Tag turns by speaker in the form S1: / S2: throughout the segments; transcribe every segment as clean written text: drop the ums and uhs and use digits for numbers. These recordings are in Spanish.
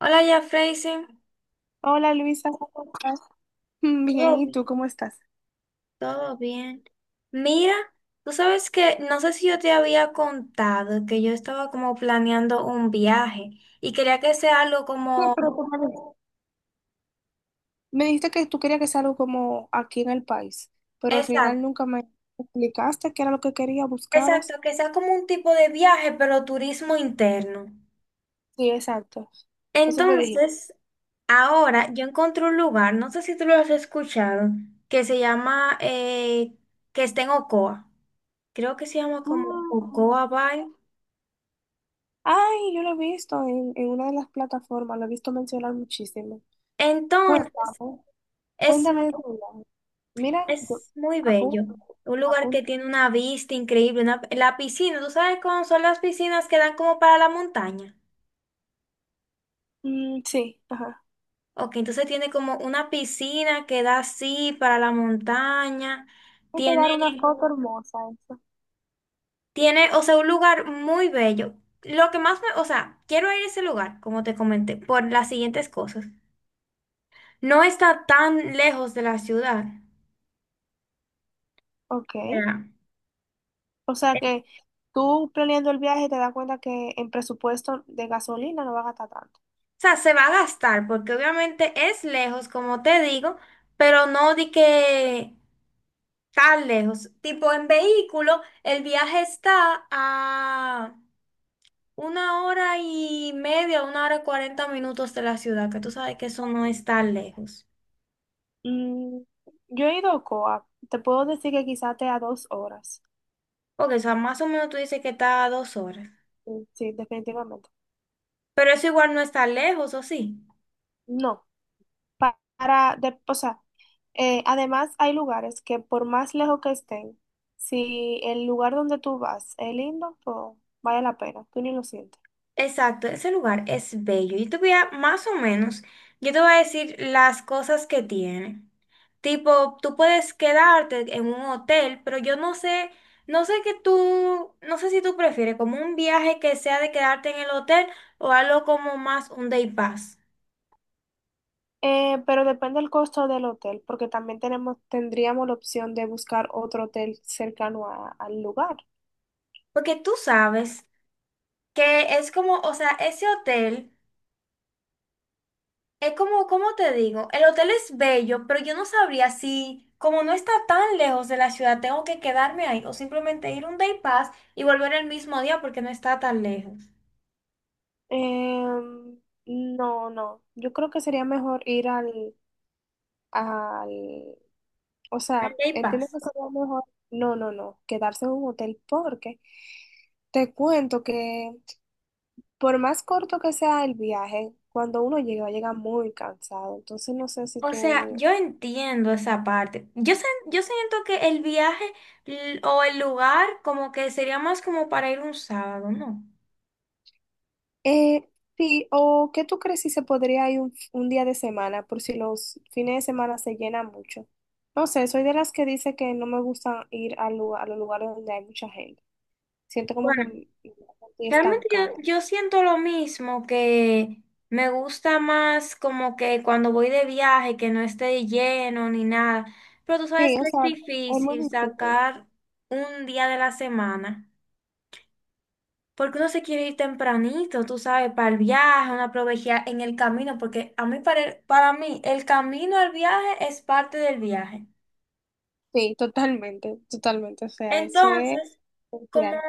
S1: Hola, ya Freisen.
S2: Hola, Luisa, ¿cómo estás? Bien,
S1: Todo
S2: ¿y tú
S1: bien,
S2: cómo estás?
S1: todo bien. Mira, tú sabes que no sé si yo te había contado que yo estaba como planeando un viaje y quería que sea algo
S2: Sí,
S1: como
S2: pero tú me dijiste que tú querías que sea algo como aquí en el país, pero al final
S1: exacto,
S2: nunca me explicaste qué era lo que querías,
S1: exacto,
S2: buscabas.
S1: que sea como un tipo de viaje, pero turismo interno.
S2: Sí, exacto. Eso fue dije.
S1: Entonces, ahora yo encontré un lugar, no sé si tú lo has escuchado, que se llama que está en Ocoa. Creo que se llama como
S2: Mm.
S1: Ocoa Bay.
S2: Ay, yo lo he visto en una de las plataformas, lo he visto mencionar muchísimo.
S1: Entonces,
S2: Cuéntame,
S1: es
S2: cuéntame de tu viaje. Mira, yo
S1: Es muy bello.
S2: apunto,
S1: Un lugar que
S2: apunto.
S1: tiene una vista increíble. Una, la piscina, ¿tú sabes cómo son las piscinas que dan como para la montaña?
S2: Mm, sí, ajá.
S1: Ok, entonces tiene como una piscina que da así para la montaña.
S2: Hay que
S1: Tiene,
S2: dar una foto hermosa, eso.
S1: tiene, o sea, un lugar muy bello. Lo que más me, o sea, quiero ir a ese lugar, como te comenté, por las siguientes cosas. No está tan lejos de la ciudad.
S2: Ok.
S1: Sea,
S2: O sea
S1: es-
S2: que
S1: o
S2: tú, planeando el viaje, te das cuenta que en presupuesto de gasolina no va a gastar tanto.
S1: se va a gastar porque obviamente es lejos, como te digo, pero no di que tan lejos. Tipo, en vehículo, el viaje está a 1 hora y media, 1 hora y 40 minutos de la ciudad, que tú sabes que eso no es tan lejos.
S2: Mm, yo he ido a Ocoa, te puedo decir que quizás te a dos horas.
S1: Porque, o sea, más o menos tú dices que está a 2 horas.
S2: Mm, sí, definitivamente.
S1: Pero eso igual no está lejos, ¿o sí?
S2: No, para, o sea, además hay lugares que por más lejos que estén, si el lugar donde tú vas es lindo, pues vale la pena, tú ni lo sientes.
S1: Exacto, ese lugar es bello. Yo te voy a, más o menos, yo te voy a decir las cosas que tiene. Tipo, tú puedes quedarte en un hotel, pero yo no sé, no sé que tú, no sé si tú prefieres como un viaje que sea de quedarte en el hotel o algo como más un day pass.
S2: Pero depende el costo del hotel, porque también tenemos, tendríamos la opción de buscar otro hotel cercano al lugar.
S1: Porque tú sabes que es como, o sea, ese hotel. Es como, cómo te digo, el hotel es bello, pero yo no sabría si, como no está tan lejos de la ciudad, tengo que quedarme ahí o simplemente ir un day pass y volver el mismo día porque no está tan lejos.
S2: Em, no, no. Yo creo que sería mejor ir al, o
S1: Al
S2: sea,
S1: day
S2: entiendo
S1: pass.
S2: que sería mejor, no, no, no, quedarse en un hotel porque te cuento que por más corto que sea el viaje, cuando uno llega, llega muy cansado. Entonces no sé si
S1: O sea,
S2: tú,
S1: yo entiendo esa parte. Yo, yo siento que el viaje o el lugar como que sería más como para ir un sábado, ¿no?
S2: eh, sí, o qué tú crees si se podría ir un día de semana, por si los fines de semana se llenan mucho. No sé, soy de las que dice que no me gusta ir a, a los lugares donde hay mucha gente. Siento como que
S1: Bueno.
S2: estoy
S1: Realmente yo,
S2: estancada.
S1: yo siento lo mismo, que me gusta más como que cuando voy de viaje, que no esté lleno ni nada. Pero tú sabes
S2: Sí, o
S1: que es
S2: sea, es muy
S1: difícil
S2: difícil.
S1: sacar un día de la semana, porque uno se quiere ir tempranito, tú sabes, para el viaje, uno aprovecha en el camino, porque a mí para, para mí el camino al viaje es parte del viaje.
S2: Sí, totalmente, totalmente. O sea, eso es
S1: Entonces, como
S2: esencial.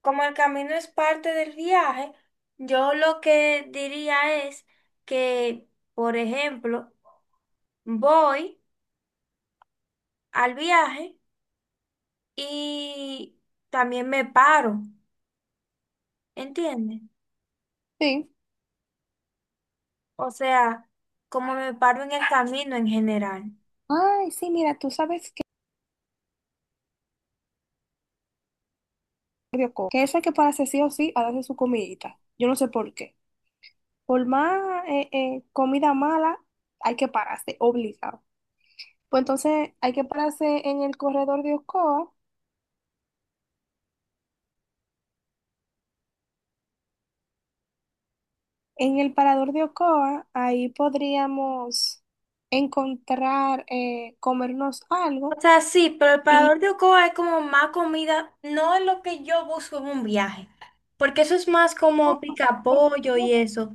S1: Como el camino es parte del viaje, yo lo que diría es que, por ejemplo, voy al viaje y también me paro, ¿entiendes?
S2: Sí.
S1: O sea, como me paro en el camino en general.
S2: Ay, sí, mira, tú sabes que que esa que para sí o sí, ha su comidita. Yo no sé por qué. Por más comida mala, hay que pararse, obligado. Pues entonces hay que pararse en el corredor de Ocoa. En el parador de Ocoa, ahí podríamos encontrar, comernos
S1: O
S2: algo.
S1: sea, sí, pero el parador de Ocoa es como más comida, no es lo que yo busco en un viaje, porque eso es más como pica pollo y eso.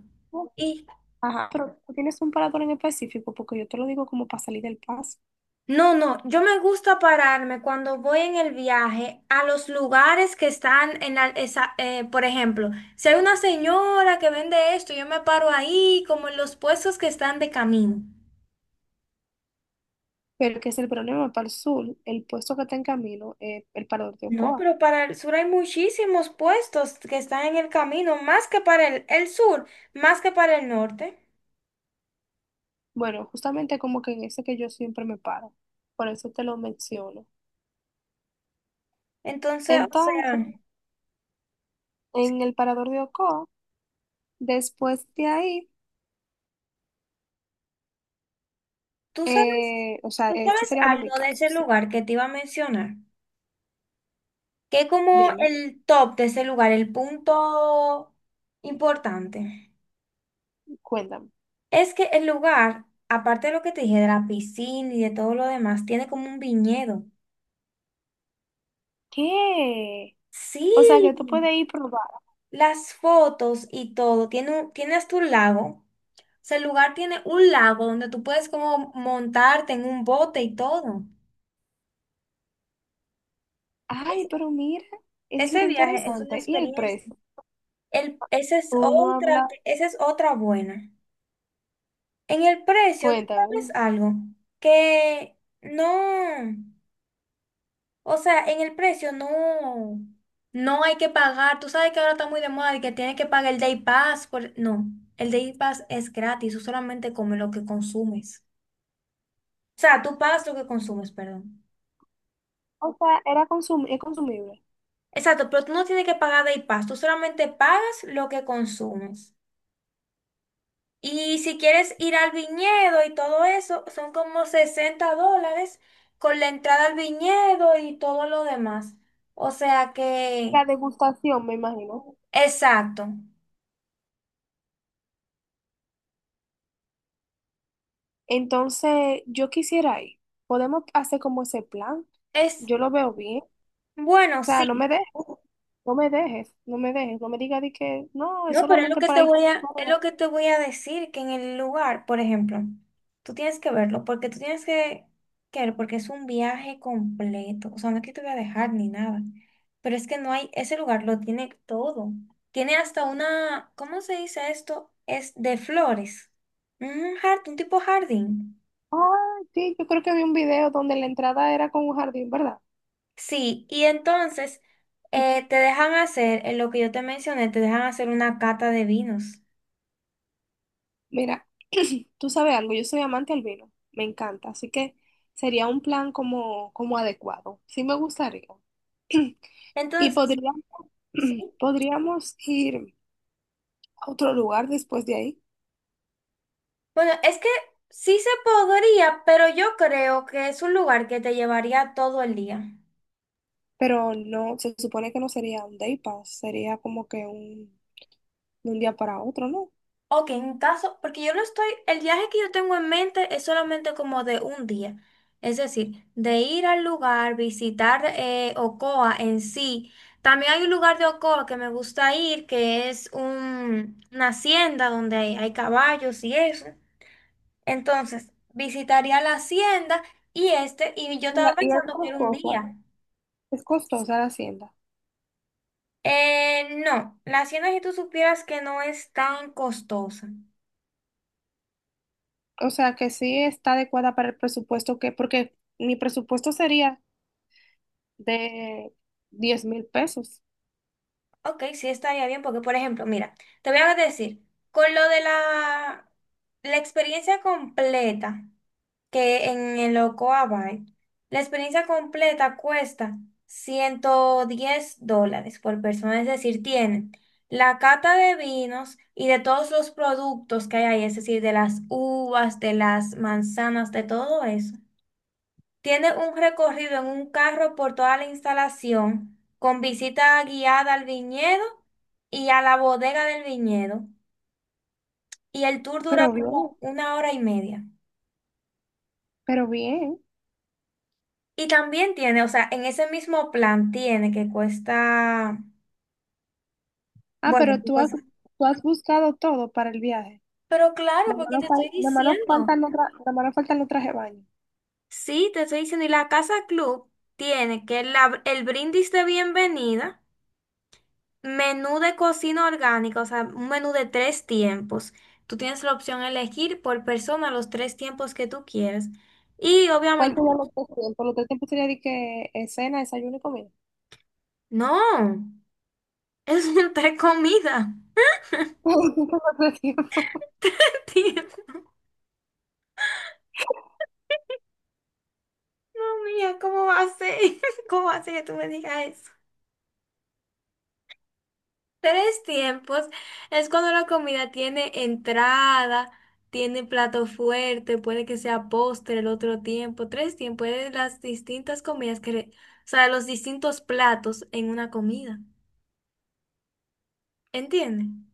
S1: Y
S2: Ajá, pero tú tienes un parador en específico, porque yo te lo digo como para salir del paso.
S1: no, no, yo me gusta pararme cuando voy en el viaje a los lugares que están en la, por ejemplo, si hay una señora que vende esto, yo me paro ahí, como en los puestos que están de camino.
S2: Pero que es el problema para el sur, el puesto que está en camino es el parador de
S1: No,
S2: Ocoa.
S1: pero para el sur hay muchísimos puestos que están en el camino, más que para el sur, más que para el norte.
S2: Bueno, justamente como que en ese que yo siempre me paro, por eso te lo menciono.
S1: Entonces, o sea,
S2: Entonces, en el parador de Ocoa, después de ahí,
S1: tú sabes,
S2: o sea,
S1: tú
S2: este
S1: sabes
S2: sería como mi
S1: algo de
S2: caso,
S1: ese
S2: sí.
S1: lugar que te iba a mencionar. ¿Qué como
S2: Dime,
S1: el top de ese lugar, el punto importante?
S2: cuéntame.
S1: Es que el lugar, aparte de lo que te dije, de la piscina y de todo lo demás, tiene como un viñedo.
S2: ¿Qué?
S1: Sí,
S2: O sea, que tú puedes ir probar.
S1: las fotos y todo. Tiene hasta un lago. O sea, el lugar tiene un lago donde tú puedes como montarte en un bote y todo.
S2: Ay,
S1: Ese
S2: pero mira, eso sí
S1: Ese
S2: era
S1: viaje es una
S2: interesante. ¿Y el
S1: experiencia.
S2: precio?
S1: El,
S2: Tú no hablas,
S1: esa es otra buena. En el precio, tú sabes
S2: cuéntame.
S1: algo, que no, o sea, en el precio no, no hay que pagar. Tú sabes que ahora está muy de moda y que tienes que pagar el Day Pass. Por... No, el Day Pass es gratis, tú solamente comes lo que consumes. O sea, tú pagas lo que consumes, perdón.
S2: O sea, era consum es consumible.
S1: Exacto, pero tú no tienes que pagar Day Pass, tú solamente pagas lo que consumes. Y si quieres ir al viñedo y todo eso, son como $60 con la entrada al viñedo y todo lo demás. O sea que,
S2: La degustación, me imagino.
S1: exacto.
S2: Entonces, yo quisiera ir. Podemos hacer como ese plan.
S1: Es
S2: Yo lo veo bien. O
S1: bueno,
S2: sea, no me
S1: sí.
S2: dejes, no me dejes, no me dejes. No me digas de que no, es
S1: No, pero es lo
S2: solamente
S1: que te
S2: para ir con
S1: voy a, es
S2: todo.
S1: lo que te voy a decir, que en el lugar, por ejemplo, tú tienes que verlo, porque tú tienes que ver, porque es un viaje completo. O sea, no es que te voy a dejar ni nada. Pero es que no hay, ese lugar lo tiene todo. Tiene hasta una, ¿cómo se dice esto? Es de flores. Un jardín, un tipo jardín.
S2: Ah, sí, yo creo que vi un video donde la entrada era con un jardín, ¿verdad?
S1: Sí, y entonces te dejan hacer, en lo que yo te mencioné, te dejan hacer una cata de vinos.
S2: Mira, tú sabes algo, yo soy amante al vino, me encanta, así que sería un plan como adecuado. Sí me gustaría. Y
S1: Entonces,
S2: podríamos,
S1: sí,
S2: podríamos ir a otro lugar después de ahí,
S1: bueno, es que sí se podría, pero yo creo que es un lugar que te llevaría todo el día.
S2: pero no, se supone que no sería un day pass, sería como que un, de un día para otro, ¿no?
S1: Ok, en caso, porque yo lo estoy, el viaje que yo tengo en mente es solamente como de un día. Es decir, de ir al lugar, visitar Ocoa en sí. También hay un lugar de Ocoa que me gusta ir, que es una hacienda donde hay caballos y eso. Entonces, visitaría la hacienda y este, y yo estaba
S2: ¿Y
S1: pensando que era un día.
S2: es costosa la hacienda?
S1: No, la hacienda si tú supieras que no es tan costosa.
S2: O sea que sí está adecuada para el presupuesto, que, porque mi presupuesto sería de 10,000 pesos.
S1: Ok, sí estaría bien porque, por ejemplo, mira, te voy a decir, con lo de la, la experiencia completa que en el Ocoa Bay, la experiencia completa cuesta $110 por persona, es decir, tienen la cata de vinos y de todos los productos que hay ahí, es decir, de las uvas, de las manzanas, de todo eso. Tiene un recorrido en un carro por toda la instalación, con visita guiada al viñedo y a la bodega del viñedo. Y el tour dura
S2: Pero bien,
S1: como 1 hora y media.
S2: pero bien.
S1: Y también tiene, o sea, en ese mismo plan tiene que cuesta,
S2: Ah,
S1: bueno,
S2: pero tú has buscado todo para el viaje.
S1: pero claro, porque te estoy
S2: Nada más nos
S1: diciendo.
S2: faltan los tra- nada más nos faltan los trajes de baño.
S1: Sí, te estoy diciendo. Y la casa club tiene que el brindis de bienvenida. Menú de cocina orgánica, o sea, un menú de tres tiempos. Tú tienes la opción de elegir por persona los tres tiempos que tú quieras. Y
S2: ¿Cuál
S1: obviamente,
S2: sería los tres tiempos? Los tres tiempos sería de que cena, desayuno y comida.
S1: no, es un tres comidas.
S2: ¿Los tres tiempos?
S1: Dios mía, ¿cómo va a ser? ¿Cómo va a ser que tú me digas eso? Tres tiempos es cuando la comida tiene entrada, tiene plato fuerte, puede que sea postre el otro tiempo. Tres tiempos es las distintas comidas que, los distintos platos en una comida. ¿Entienden?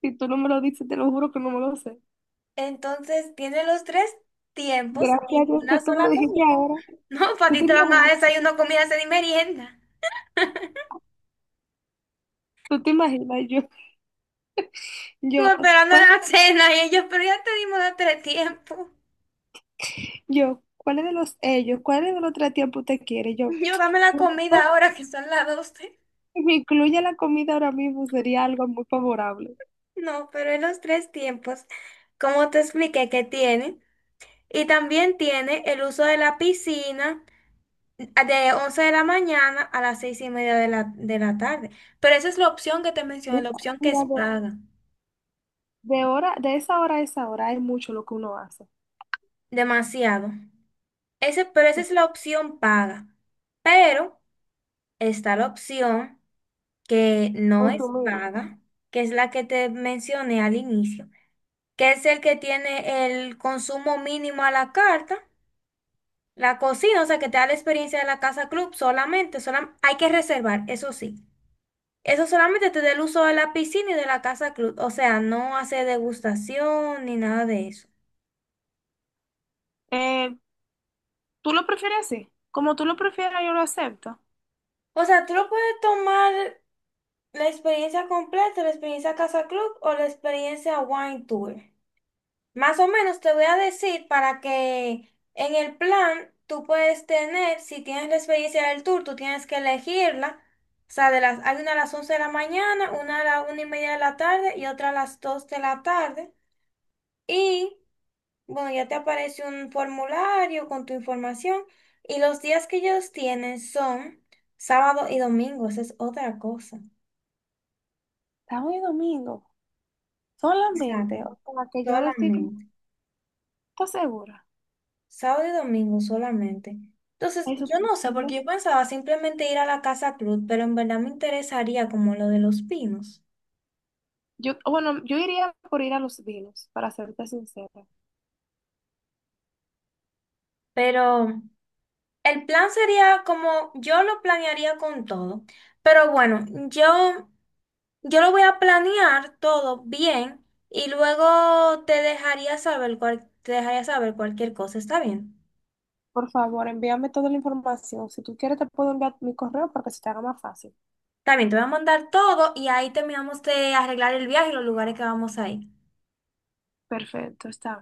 S2: Si tú no me lo dices, te lo juro que no me lo sé.
S1: Entonces tiene los tres tiempos
S2: Gracias a
S1: en
S2: Dios que
S1: una
S2: tú me lo
S1: sola
S2: dijiste
S1: comida.
S2: ahora.
S1: No, para
S2: ¿Tú
S1: ti
S2: te
S1: te van a
S2: imaginas?
S1: desayuno, comida, cena y merienda.
S2: ¿Tú te imaginas?
S1: Tú
S2: Yo,
S1: esperando
S2: ¿Cuál,
S1: la cena y ellos, pero ya te dimos los tres tiempos.
S2: yo, ¿cuál es de los ellos? ¿Cuál es de los tres tiempos usted quiere? Yo,
S1: Yo dame la comida ahora que son las 12.
S2: si me incluye la comida ahora mismo, sería algo muy favorable.
S1: No, pero en los tres tiempos, como te expliqué que tiene. Y también tiene el uso de la piscina de 11 de la mañana a las 6 y media de de la tarde. Pero esa es la opción que te mencioné,
S2: Mira,
S1: la opción que
S2: mira,
S1: es paga.
S2: de hora, de esa hora a esa hora hay mucho lo que uno hace.
S1: Demasiado. Ese, pero esa es la opción paga. Pero está la opción que no es
S2: Consumir.
S1: paga, que es la que te mencioné al inicio, que es el que tiene el consumo mínimo a la carta, la cocina, o sea, que te da la experiencia de la casa club solamente, hay que reservar, eso sí. Eso solamente te da el uso de la piscina y de la casa club, o sea, no hace degustación ni nada de eso.
S2: Eh, ¿Tú lo prefieres así? Como tú lo prefieras, yo lo acepto.
S1: O sea, tú lo puedes tomar ¿la experiencia completa, la experiencia Casa Club o la experiencia Wine Tour? Más o menos te voy a decir para que en el plan tú puedes tener, si tienes la experiencia del tour, tú tienes que elegirla. O sea, de las, hay una a las 11 de la mañana, una a la 1 y media de la tarde y otra a las 2 de la tarde. Y bueno, ya te aparece un formulario con tu información. Y los días que ellos tienen son sábado y domingo, esa es otra cosa.
S2: Sábado y domingo, solamente.
S1: Exacto,
S2: O sea, que yo decir, como,
S1: solamente.
S2: ¿estás segura?
S1: Sábado y domingo solamente. Entonces,
S2: Eso
S1: yo
S2: tú
S1: no sé,
S2: decides.
S1: porque yo pensaba simplemente ir a la Casa Club, pero en verdad me interesaría como lo de los pinos.
S2: Yo, bueno, yo iría por ir a los vinos, para serte sincera.
S1: Pero el plan sería como yo lo planearía con todo. Pero bueno, yo lo voy a planear todo bien y luego te dejaría saber te dejaría saber cualquier cosa. ¿Está bien?
S2: Por favor, envíame toda la información. Si tú quieres, te puedo enviar mi correo para que se te haga más fácil.
S1: Está bien, te voy a mandar todo y ahí terminamos de arreglar el viaje y los lugares que vamos a ir.
S2: Perfecto, está.